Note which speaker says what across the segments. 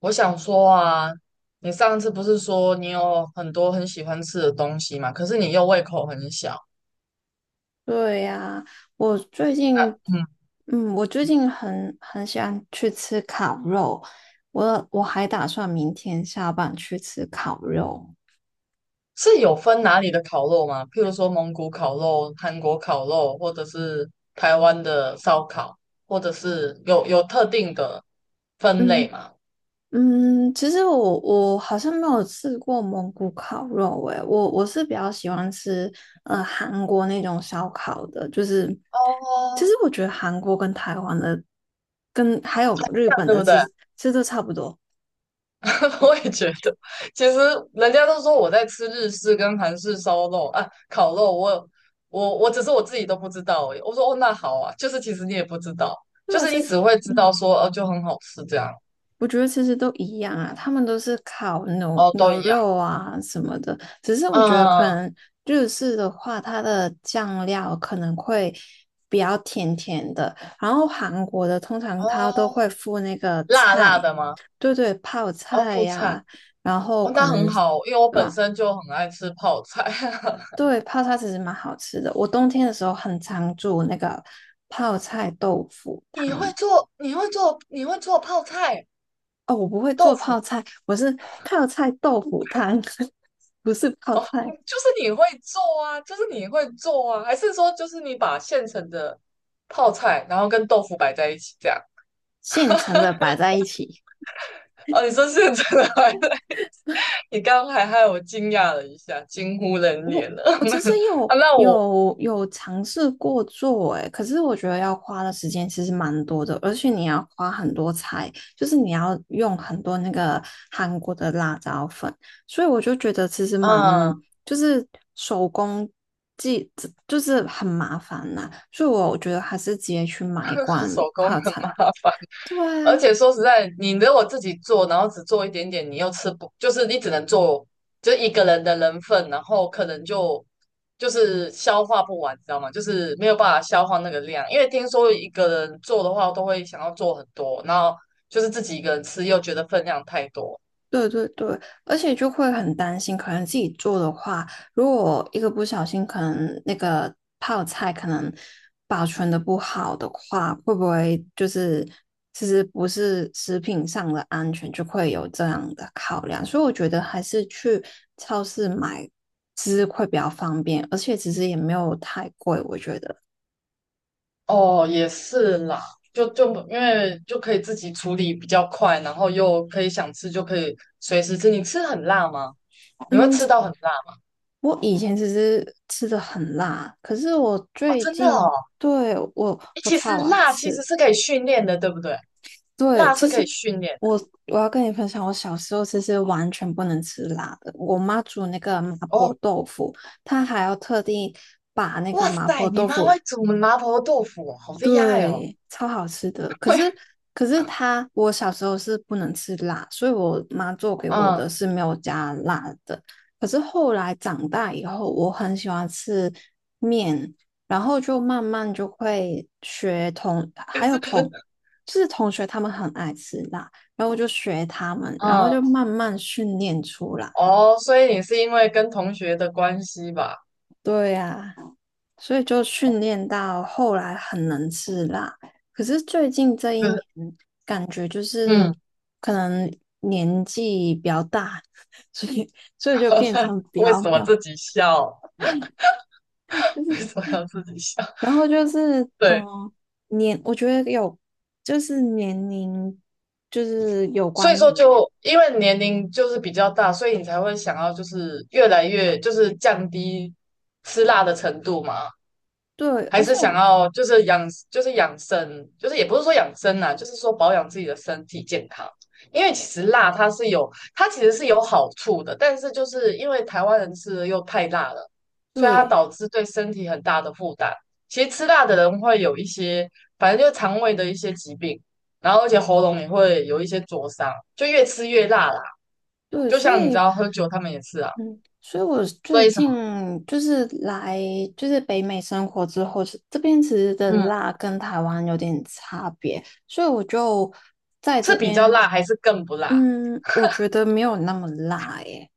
Speaker 1: 我想说啊，你上次不是说你有很多很喜欢吃的东西嘛？可是你又胃口很小。
Speaker 2: 对呀，我最近，
Speaker 1: 嗯。
Speaker 2: 嗯，我最近很喜欢去吃烤肉，我还打算明天下班去吃烤肉。
Speaker 1: 是有分哪里的烤肉吗？譬如说蒙古烤肉、韩国烤肉，或者是台湾的烧烤，或者是有特定的分类
Speaker 2: 嗯
Speaker 1: 吗？
Speaker 2: 其实我好像没有吃过蒙古烤肉，诶，我是比较喜欢吃韩国那种烧烤的，就是其
Speaker 1: 哦，
Speaker 2: 实我觉得韩国跟台湾的跟还有日
Speaker 1: 这样
Speaker 2: 本
Speaker 1: 对
Speaker 2: 的
Speaker 1: 不对？
Speaker 2: 其实都差不多，
Speaker 1: 我也觉得。其实人家都说我在吃日式跟韩式烧肉啊，烤肉我，我只是我自己都不知道而已。我说哦，那好啊，就是其实你也不知道，
Speaker 2: 对
Speaker 1: 就
Speaker 2: 吧？
Speaker 1: 是
Speaker 2: 其
Speaker 1: 你
Speaker 2: 实。
Speaker 1: 只会知道
Speaker 2: 嗯
Speaker 1: 说哦，就很好吃这样。
Speaker 2: 我觉得其实都一样啊，他们都是烤牛
Speaker 1: 哦，都
Speaker 2: 牛
Speaker 1: 一样。
Speaker 2: 肉啊什么的，只是我觉得可
Speaker 1: 嗯。
Speaker 2: 能日式的话，它的酱料可能会比较甜甜的，然后韩国的通常
Speaker 1: 哦，
Speaker 2: 它都会附那个
Speaker 1: 辣辣
Speaker 2: 菜，
Speaker 1: 的吗？
Speaker 2: 对对，泡
Speaker 1: 哦，
Speaker 2: 菜
Speaker 1: 副菜。
Speaker 2: 呀、然后
Speaker 1: 哦，
Speaker 2: 可
Speaker 1: 那很
Speaker 2: 能是
Speaker 1: 好，因为我本
Speaker 2: 啊，
Speaker 1: 身就很爱吃泡菜。
Speaker 2: 对，泡菜其实蛮好吃的，我冬天的时候很常煮那个泡菜豆腐
Speaker 1: 你会
Speaker 2: 汤。
Speaker 1: 做，你会做，你会做泡菜
Speaker 2: 哦，我不会
Speaker 1: 豆
Speaker 2: 做
Speaker 1: 腐。
Speaker 2: 泡菜，我是泡菜豆腐汤，不是泡
Speaker 1: 哦，
Speaker 2: 菜，
Speaker 1: 就是你会做啊，就是你会做啊，还是说就是你把现成的泡菜，然后跟豆腐摆在一起这样？
Speaker 2: 现成的摆在一起。
Speaker 1: 哦，你说现成的还是，你刚刚还害我惊讶了一下，惊呼人
Speaker 2: 我
Speaker 1: 脸了。
Speaker 2: 我其实 有
Speaker 1: 啊，那我
Speaker 2: 有有尝试过做，诶，可是我觉得要花的时间其实蛮多的，而且你要花很多菜，就是你要用很多那个韩国的辣椒粉，所以我就觉得其实蛮
Speaker 1: 嗯。
Speaker 2: 就是手工技就是很麻烦呐、所以我觉得还是直接去买一罐
Speaker 1: 手工
Speaker 2: 泡
Speaker 1: 很
Speaker 2: 菜。
Speaker 1: 麻烦。
Speaker 2: 对啊，
Speaker 1: 而且说实在，你如果自己做，然后只做一点点，你又吃不，就是你只能做就一个人的人份，然后可能就是消化不完，知道吗？就是没有办法消化那个量，因为听说一个人做的话，都会想要做很多，然后就是自己一个人吃又觉得分量太多。
Speaker 2: 对对对，而且就会很担心，可能自己做的话，如果一个不小心，可能那个泡菜可能保存的不好的话，会不会就是其实不是食品上的安全，就会有这样的考量。所以我觉得还是去超市买吃会比较方便，而且其实也没有太贵，我觉得。
Speaker 1: 哦，也是啦，就因为就可以自己处理比较快，然后又可以想吃就可以随时吃。你吃很辣吗？你会
Speaker 2: 嗯，
Speaker 1: 吃到很辣
Speaker 2: 我以前其实吃的很辣，可是我
Speaker 1: 啊？
Speaker 2: 最
Speaker 1: 真的
Speaker 2: 近
Speaker 1: 哦。
Speaker 2: 对我我
Speaker 1: 其实
Speaker 2: 操啊，
Speaker 1: 辣其
Speaker 2: 吃。
Speaker 1: 实是可以训练的，对不对？
Speaker 2: 对，
Speaker 1: 辣是
Speaker 2: 其
Speaker 1: 可
Speaker 2: 实
Speaker 1: 以训练的。
Speaker 2: 我，我要跟你分享，我小时候其实完全不能吃辣的。我妈煮那个麻婆
Speaker 1: 哦，
Speaker 2: 豆腐，她还要特地把那个
Speaker 1: 哇
Speaker 2: 麻婆
Speaker 1: 塞，你
Speaker 2: 豆
Speaker 1: 妈
Speaker 2: 腐
Speaker 1: 会煮麻婆豆腐哦好厉害哦！
Speaker 2: 对，超好吃的。
Speaker 1: 会。
Speaker 2: 可是它，我小时候是不能吃辣，所以我妈做给我
Speaker 1: 嗯。
Speaker 2: 的是没有加辣的。可是后来长大以后，我很喜欢吃面，然后就慢慢就会学同，
Speaker 1: 可
Speaker 2: 还有
Speaker 1: 是。
Speaker 2: 同，就是同学他们很爱吃辣，然后我就学他们，然后
Speaker 1: 嗯。
Speaker 2: 就慢慢训练出来。
Speaker 1: 哦，所以你是因为跟同学的关系吧？
Speaker 2: 对呀、所以就训
Speaker 1: 哦
Speaker 2: 练到后来很能吃辣。可是最近这一
Speaker 1: 就
Speaker 2: 年，
Speaker 1: 是。
Speaker 2: 感觉就是
Speaker 1: 嗯。
Speaker 2: 可能年纪比较大，所以所以就变成比
Speaker 1: 为
Speaker 2: 较
Speaker 1: 什
Speaker 2: 没
Speaker 1: 么
Speaker 2: 有，
Speaker 1: 自己笑？
Speaker 2: 就
Speaker 1: 为
Speaker 2: 是
Speaker 1: 什么要自己笑？
Speaker 2: 然后就是
Speaker 1: 对，
Speaker 2: 我觉得有就是年龄就是有
Speaker 1: 所以
Speaker 2: 关年
Speaker 1: 说
Speaker 2: 龄，
Speaker 1: 就因为年龄就是比较大，所以你才会想要就是越来越就是降低吃辣的程度嘛。
Speaker 2: 对，
Speaker 1: 还
Speaker 2: 而
Speaker 1: 是
Speaker 2: 且
Speaker 1: 想
Speaker 2: 我
Speaker 1: 要就是养，就是养生，就是也不是说养生啊，就是说保养自己的身体健康。因为其实辣它是有，它其实是有好处的，但是就是因为台湾人吃的又太辣了，所以它
Speaker 2: 对
Speaker 1: 导致对身体很大的负担。其实吃辣的人会有一些，反正就肠胃的一些疾病，然后而且喉咙也会有一些灼伤，就越吃越辣啦。
Speaker 2: 对，
Speaker 1: 就
Speaker 2: 所
Speaker 1: 像你知
Speaker 2: 以，
Speaker 1: 道喝酒他们也是啊，
Speaker 2: 嗯，所以我
Speaker 1: 所
Speaker 2: 最
Speaker 1: 以什么。
Speaker 2: 近就是来就是北美生活之后，是这边其实的
Speaker 1: 嗯。
Speaker 2: 辣跟台湾有点差别，所以我就在这
Speaker 1: 是比较
Speaker 2: 边，
Speaker 1: 辣还是更不辣？
Speaker 2: 嗯，我觉得没有那么辣耶，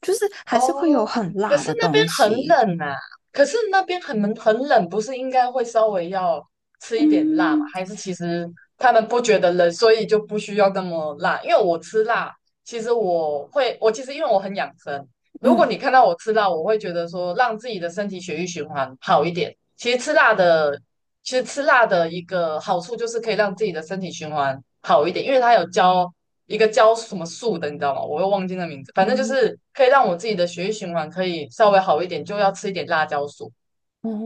Speaker 2: 就是还是会有
Speaker 1: 哦，
Speaker 2: 很
Speaker 1: 可
Speaker 2: 辣
Speaker 1: 是
Speaker 2: 的
Speaker 1: 那边
Speaker 2: 东
Speaker 1: 很
Speaker 2: 西。
Speaker 1: 冷啊，可是那边很冷，不是应该会稍微要吃一点辣吗？
Speaker 2: 嗯
Speaker 1: 还是其实他们不觉得冷，所以就不需要那么辣？因为我吃辣，其实我会，我其实因为我很养生，如果
Speaker 2: 嗯
Speaker 1: 你看到我吃辣，我会觉得说让自己的身体血液循环好一点。其实吃辣的一个好处就是可以让自己的身体循环好一点，因为它有教一个教什么素的，你知道吗？我又忘记那名字，反正就
Speaker 2: 嗯
Speaker 1: 是可以让我自己的血液循环可以稍微好一点，就要吃一点辣椒素。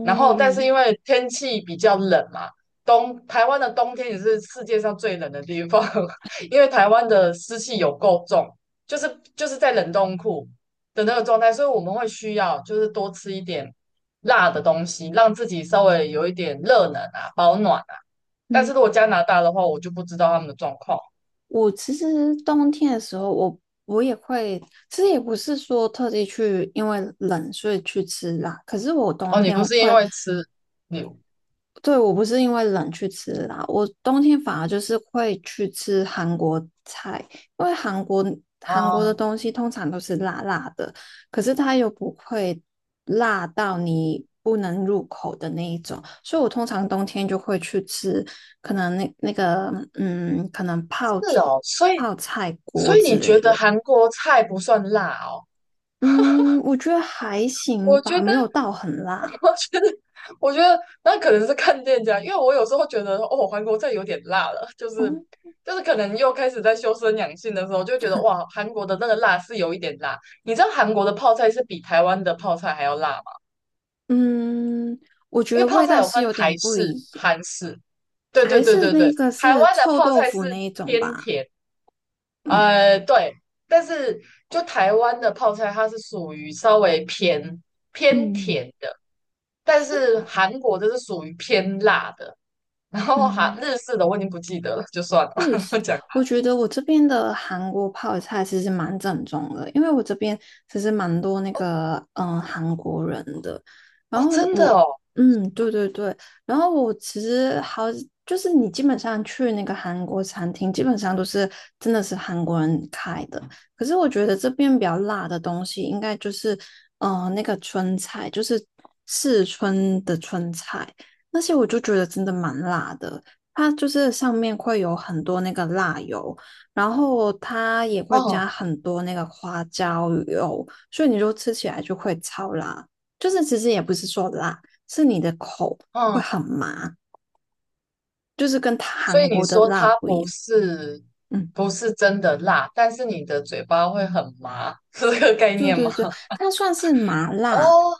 Speaker 1: 然后但是因
Speaker 2: 嗯
Speaker 1: 为天气比较冷嘛，冬台湾的冬天也是世界上最冷的地方，因为台湾的湿气有够重，就是在冷冻库的那个状态，所以我们会需要就是多吃一点辣的东西，让自己稍微有一点热能啊，保暖啊。但是
Speaker 2: 嗯
Speaker 1: 如果加拿大的话，我就不知道他们的状况。
Speaker 2: 我其实冬天的时候我也会，其实也不是说特地去因为冷所以去吃辣，可是我冬
Speaker 1: 哦，你
Speaker 2: 天
Speaker 1: 不
Speaker 2: 我
Speaker 1: 是因
Speaker 2: 会
Speaker 1: 为吃你
Speaker 2: 对，我不是因为冷去吃辣，我冬天反而就是会去吃韩国菜，因为韩国的
Speaker 1: 啊。
Speaker 2: 东西通常都是辣辣的，可是它又不会辣到你不能入口的那一种，所以我通常冬天就会去吃，可能那个嗯，可能
Speaker 1: 是哦，所以
Speaker 2: 泡菜
Speaker 1: 所
Speaker 2: 锅
Speaker 1: 以
Speaker 2: 之
Speaker 1: 你
Speaker 2: 类
Speaker 1: 觉得
Speaker 2: 的。
Speaker 1: 韩国菜不算辣哦？
Speaker 2: 嗯，我觉得还行
Speaker 1: 我觉
Speaker 2: 吧，
Speaker 1: 得
Speaker 2: 没有到很辣。
Speaker 1: 我觉得，我觉得那可能是看店家，因为我有时候觉得哦，韩国菜有点辣了，就是
Speaker 2: 嗯
Speaker 1: 就是可能又开始在修身养性的时候，就觉得哇，韩国的那个辣是有一点辣。你知道韩国的泡菜是比台湾的泡菜还要辣吗？
Speaker 2: 嗯。我觉
Speaker 1: 因
Speaker 2: 得
Speaker 1: 为泡
Speaker 2: 味
Speaker 1: 菜
Speaker 2: 道
Speaker 1: 有
Speaker 2: 是
Speaker 1: 分
Speaker 2: 有点
Speaker 1: 台
Speaker 2: 不一
Speaker 1: 式、
Speaker 2: 样。
Speaker 1: 韩式，对对
Speaker 2: 还
Speaker 1: 对
Speaker 2: 是
Speaker 1: 对
Speaker 2: 那
Speaker 1: 对，
Speaker 2: 个
Speaker 1: 台
Speaker 2: 是
Speaker 1: 湾的
Speaker 2: 臭
Speaker 1: 泡
Speaker 2: 豆
Speaker 1: 菜
Speaker 2: 腐
Speaker 1: 是
Speaker 2: 那一种
Speaker 1: 偏
Speaker 2: 吧？
Speaker 1: 甜。
Speaker 2: 嗯
Speaker 1: 对，但是就台湾的泡菜，它是属于稍微偏偏
Speaker 2: 嗯，
Speaker 1: 甜的，但
Speaker 2: 是
Speaker 1: 是韩国的是属于偏辣的。然后韩
Speaker 2: 嗯，
Speaker 1: 日式的我已经不记得了，就算
Speaker 2: 日式，
Speaker 1: 了。讲
Speaker 2: 我觉得我这边的韩国泡菜其实蛮正宗的，因为我这边其实蛮多那个韩国人的。然
Speaker 1: 哦，
Speaker 2: 后
Speaker 1: 真的
Speaker 2: 我
Speaker 1: 哦。
Speaker 2: 嗯对对对，然后我其实好就是你基本上去那个韩国餐厅，基本上都是真的是韩国人开的。可是我觉得这边比较辣的东西，应该就是那个春菜，就是四川的春菜，那些我就觉得真的蛮辣的。它就是上面会有很多那个辣油，然后它也会加
Speaker 1: 嗯
Speaker 2: 很多那个花椒油，所以你就吃起来就会超辣。就是其实也不是说辣，是你的口会
Speaker 1: 嗯。
Speaker 2: 很麻，就是跟
Speaker 1: 所
Speaker 2: 韩
Speaker 1: 以你
Speaker 2: 国的
Speaker 1: 说
Speaker 2: 辣
Speaker 1: 它
Speaker 2: 不一
Speaker 1: 不
Speaker 2: 样。
Speaker 1: 是
Speaker 2: 嗯，
Speaker 1: 不是真的辣，但是你的嘴巴会很麻，是这个概
Speaker 2: 对
Speaker 1: 念吗？
Speaker 2: 对对，它算是麻辣，
Speaker 1: 哦，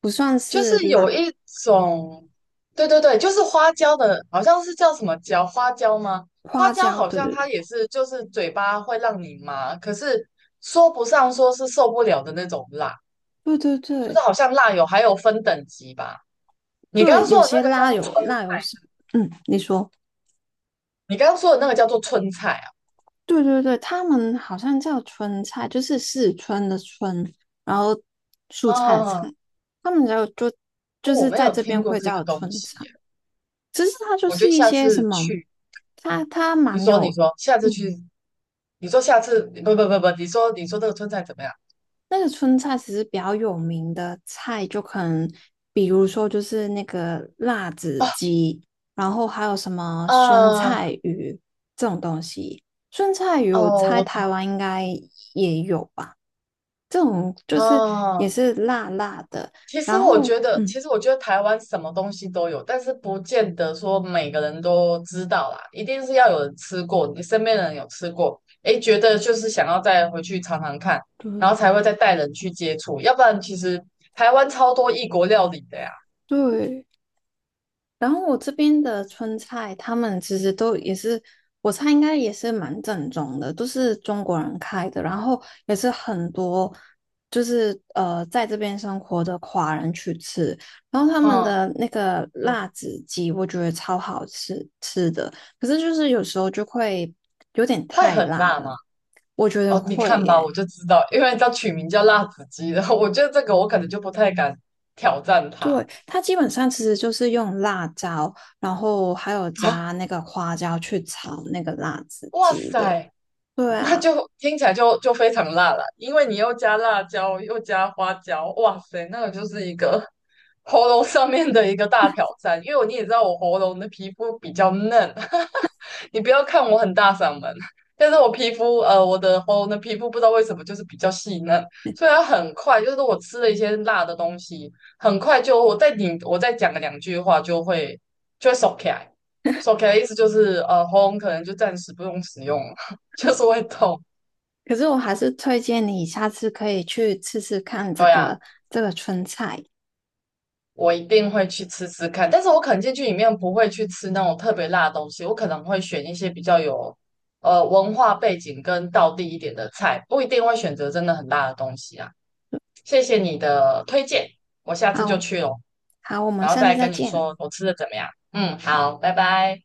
Speaker 2: 不算
Speaker 1: 就是
Speaker 2: 是
Speaker 1: 有
Speaker 2: 辣。
Speaker 1: 一种，对对对，就是花椒的，好像是叫什么椒，花椒吗？花
Speaker 2: 花
Speaker 1: 椒
Speaker 2: 椒，
Speaker 1: 好
Speaker 2: 对
Speaker 1: 像
Speaker 2: 对
Speaker 1: 它
Speaker 2: 对
Speaker 1: 也是，就是嘴巴会让你麻，可是说不上说是受不了的那种辣，
Speaker 2: 对对
Speaker 1: 就
Speaker 2: 对
Speaker 1: 是好像辣有还有分等级吧。你刚
Speaker 2: 对，
Speaker 1: 刚
Speaker 2: 有
Speaker 1: 说的那
Speaker 2: 些
Speaker 1: 个叫
Speaker 2: 辣
Speaker 1: 做
Speaker 2: 油
Speaker 1: 春
Speaker 2: 辣
Speaker 1: 菜。
Speaker 2: 油是，嗯，你说。
Speaker 1: 你刚刚说的那个叫做春菜啊？
Speaker 2: 对对对，他们好像叫春菜，就是四川的春，然后蔬菜的
Speaker 1: 啊，
Speaker 2: 菜，他们就就
Speaker 1: 哦
Speaker 2: 就
Speaker 1: 我
Speaker 2: 是
Speaker 1: 没
Speaker 2: 在
Speaker 1: 有
Speaker 2: 这边
Speaker 1: 听过
Speaker 2: 会
Speaker 1: 这个
Speaker 2: 叫
Speaker 1: 东
Speaker 2: 春
Speaker 1: 西
Speaker 2: 菜。
Speaker 1: 耶，
Speaker 2: 其实它就
Speaker 1: 我觉
Speaker 2: 是
Speaker 1: 得
Speaker 2: 一
Speaker 1: 下
Speaker 2: 些什
Speaker 1: 次
Speaker 2: 么，
Speaker 1: 去，
Speaker 2: 它它
Speaker 1: 你
Speaker 2: 蛮
Speaker 1: 说你
Speaker 2: 有，
Speaker 1: 说，下次
Speaker 2: 嗯，
Speaker 1: 去，你说下次，不不不不，你说你说这个春菜怎么样？
Speaker 2: 那个春菜其实比较有名的菜，就可能比如说就是那个辣子
Speaker 1: 啊？
Speaker 2: 鸡，然后还有什么酸
Speaker 1: 呃
Speaker 2: 菜鱼这种东西。酸菜鱼
Speaker 1: 哦，
Speaker 2: 我猜
Speaker 1: 我知
Speaker 2: 台湾应该也有吧，这种就是也
Speaker 1: 啊。
Speaker 2: 是辣辣的。
Speaker 1: 其实
Speaker 2: 然
Speaker 1: 我
Speaker 2: 后，
Speaker 1: 觉得，
Speaker 2: 嗯，
Speaker 1: 其实我觉得台湾什么东西都有，但是不见得说每个人都知道啦。一定是要有人吃过，你身边的人有吃过，诶，觉得就是想要再回去尝尝看，然后
Speaker 2: 对
Speaker 1: 才会再带人去接触。要不然，其实台湾超多异国料理的呀。
Speaker 2: 对，然后我这边的川菜，他们其实都也是，我猜应该也是蛮正宗的，都是中国人开的，然后也是很多就是在这边生活的华人去吃，然后他们
Speaker 1: 嗯
Speaker 2: 的那个
Speaker 1: 嗯。
Speaker 2: 辣子鸡，我觉得超好吃的，可是就是有时候就会有点
Speaker 1: 会
Speaker 2: 太
Speaker 1: 很
Speaker 2: 辣
Speaker 1: 辣
Speaker 2: 了，
Speaker 1: 吗？
Speaker 2: 我觉得
Speaker 1: 哦，你
Speaker 2: 会
Speaker 1: 看吧，
Speaker 2: 耶。
Speaker 1: 我就知道，因为叫取名叫辣子鸡的，我觉得这个我可能就不太敢挑战它。
Speaker 2: 对，它基本上其实就是用辣椒，然后还有加 那个花椒去炒那个辣子
Speaker 1: 哇
Speaker 2: 鸡的。
Speaker 1: 塞！
Speaker 2: 对
Speaker 1: 那
Speaker 2: 啊，
Speaker 1: 就听起来就非常辣了，因为你又加辣椒，又加花椒，哇塞，那个就是一个喉咙上面的一个大挑战。因为你也知道我喉咙的皮肤比较嫩，你不要看我很大嗓门，但是我皮肤我的喉咙的皮肤不知道为什么就是比较细嫩，所以它很快就是我吃了一些辣的东西，很快就我再讲个两句话就会就会收起来。手 K 的意思就是，喉咙可能就暂时不用使用，了。就是会痛。
Speaker 2: 可是我还是推荐你下次可以去吃吃看
Speaker 1: 对呀，
Speaker 2: 这个春菜。
Speaker 1: 我一定会去吃吃看，但是我可能进去里面不会去吃那种特别辣的东西，我可能会选一些比较有文化背景跟道地一点的菜，不一定会选择真的很辣的东西啊。谢谢你的推荐，我下次就
Speaker 2: 好，
Speaker 1: 去哦，
Speaker 2: 好，我们
Speaker 1: 然后
Speaker 2: 下次
Speaker 1: 再
Speaker 2: 再
Speaker 1: 跟你
Speaker 2: 见。
Speaker 1: 说我吃的怎么样。嗯，好，拜拜。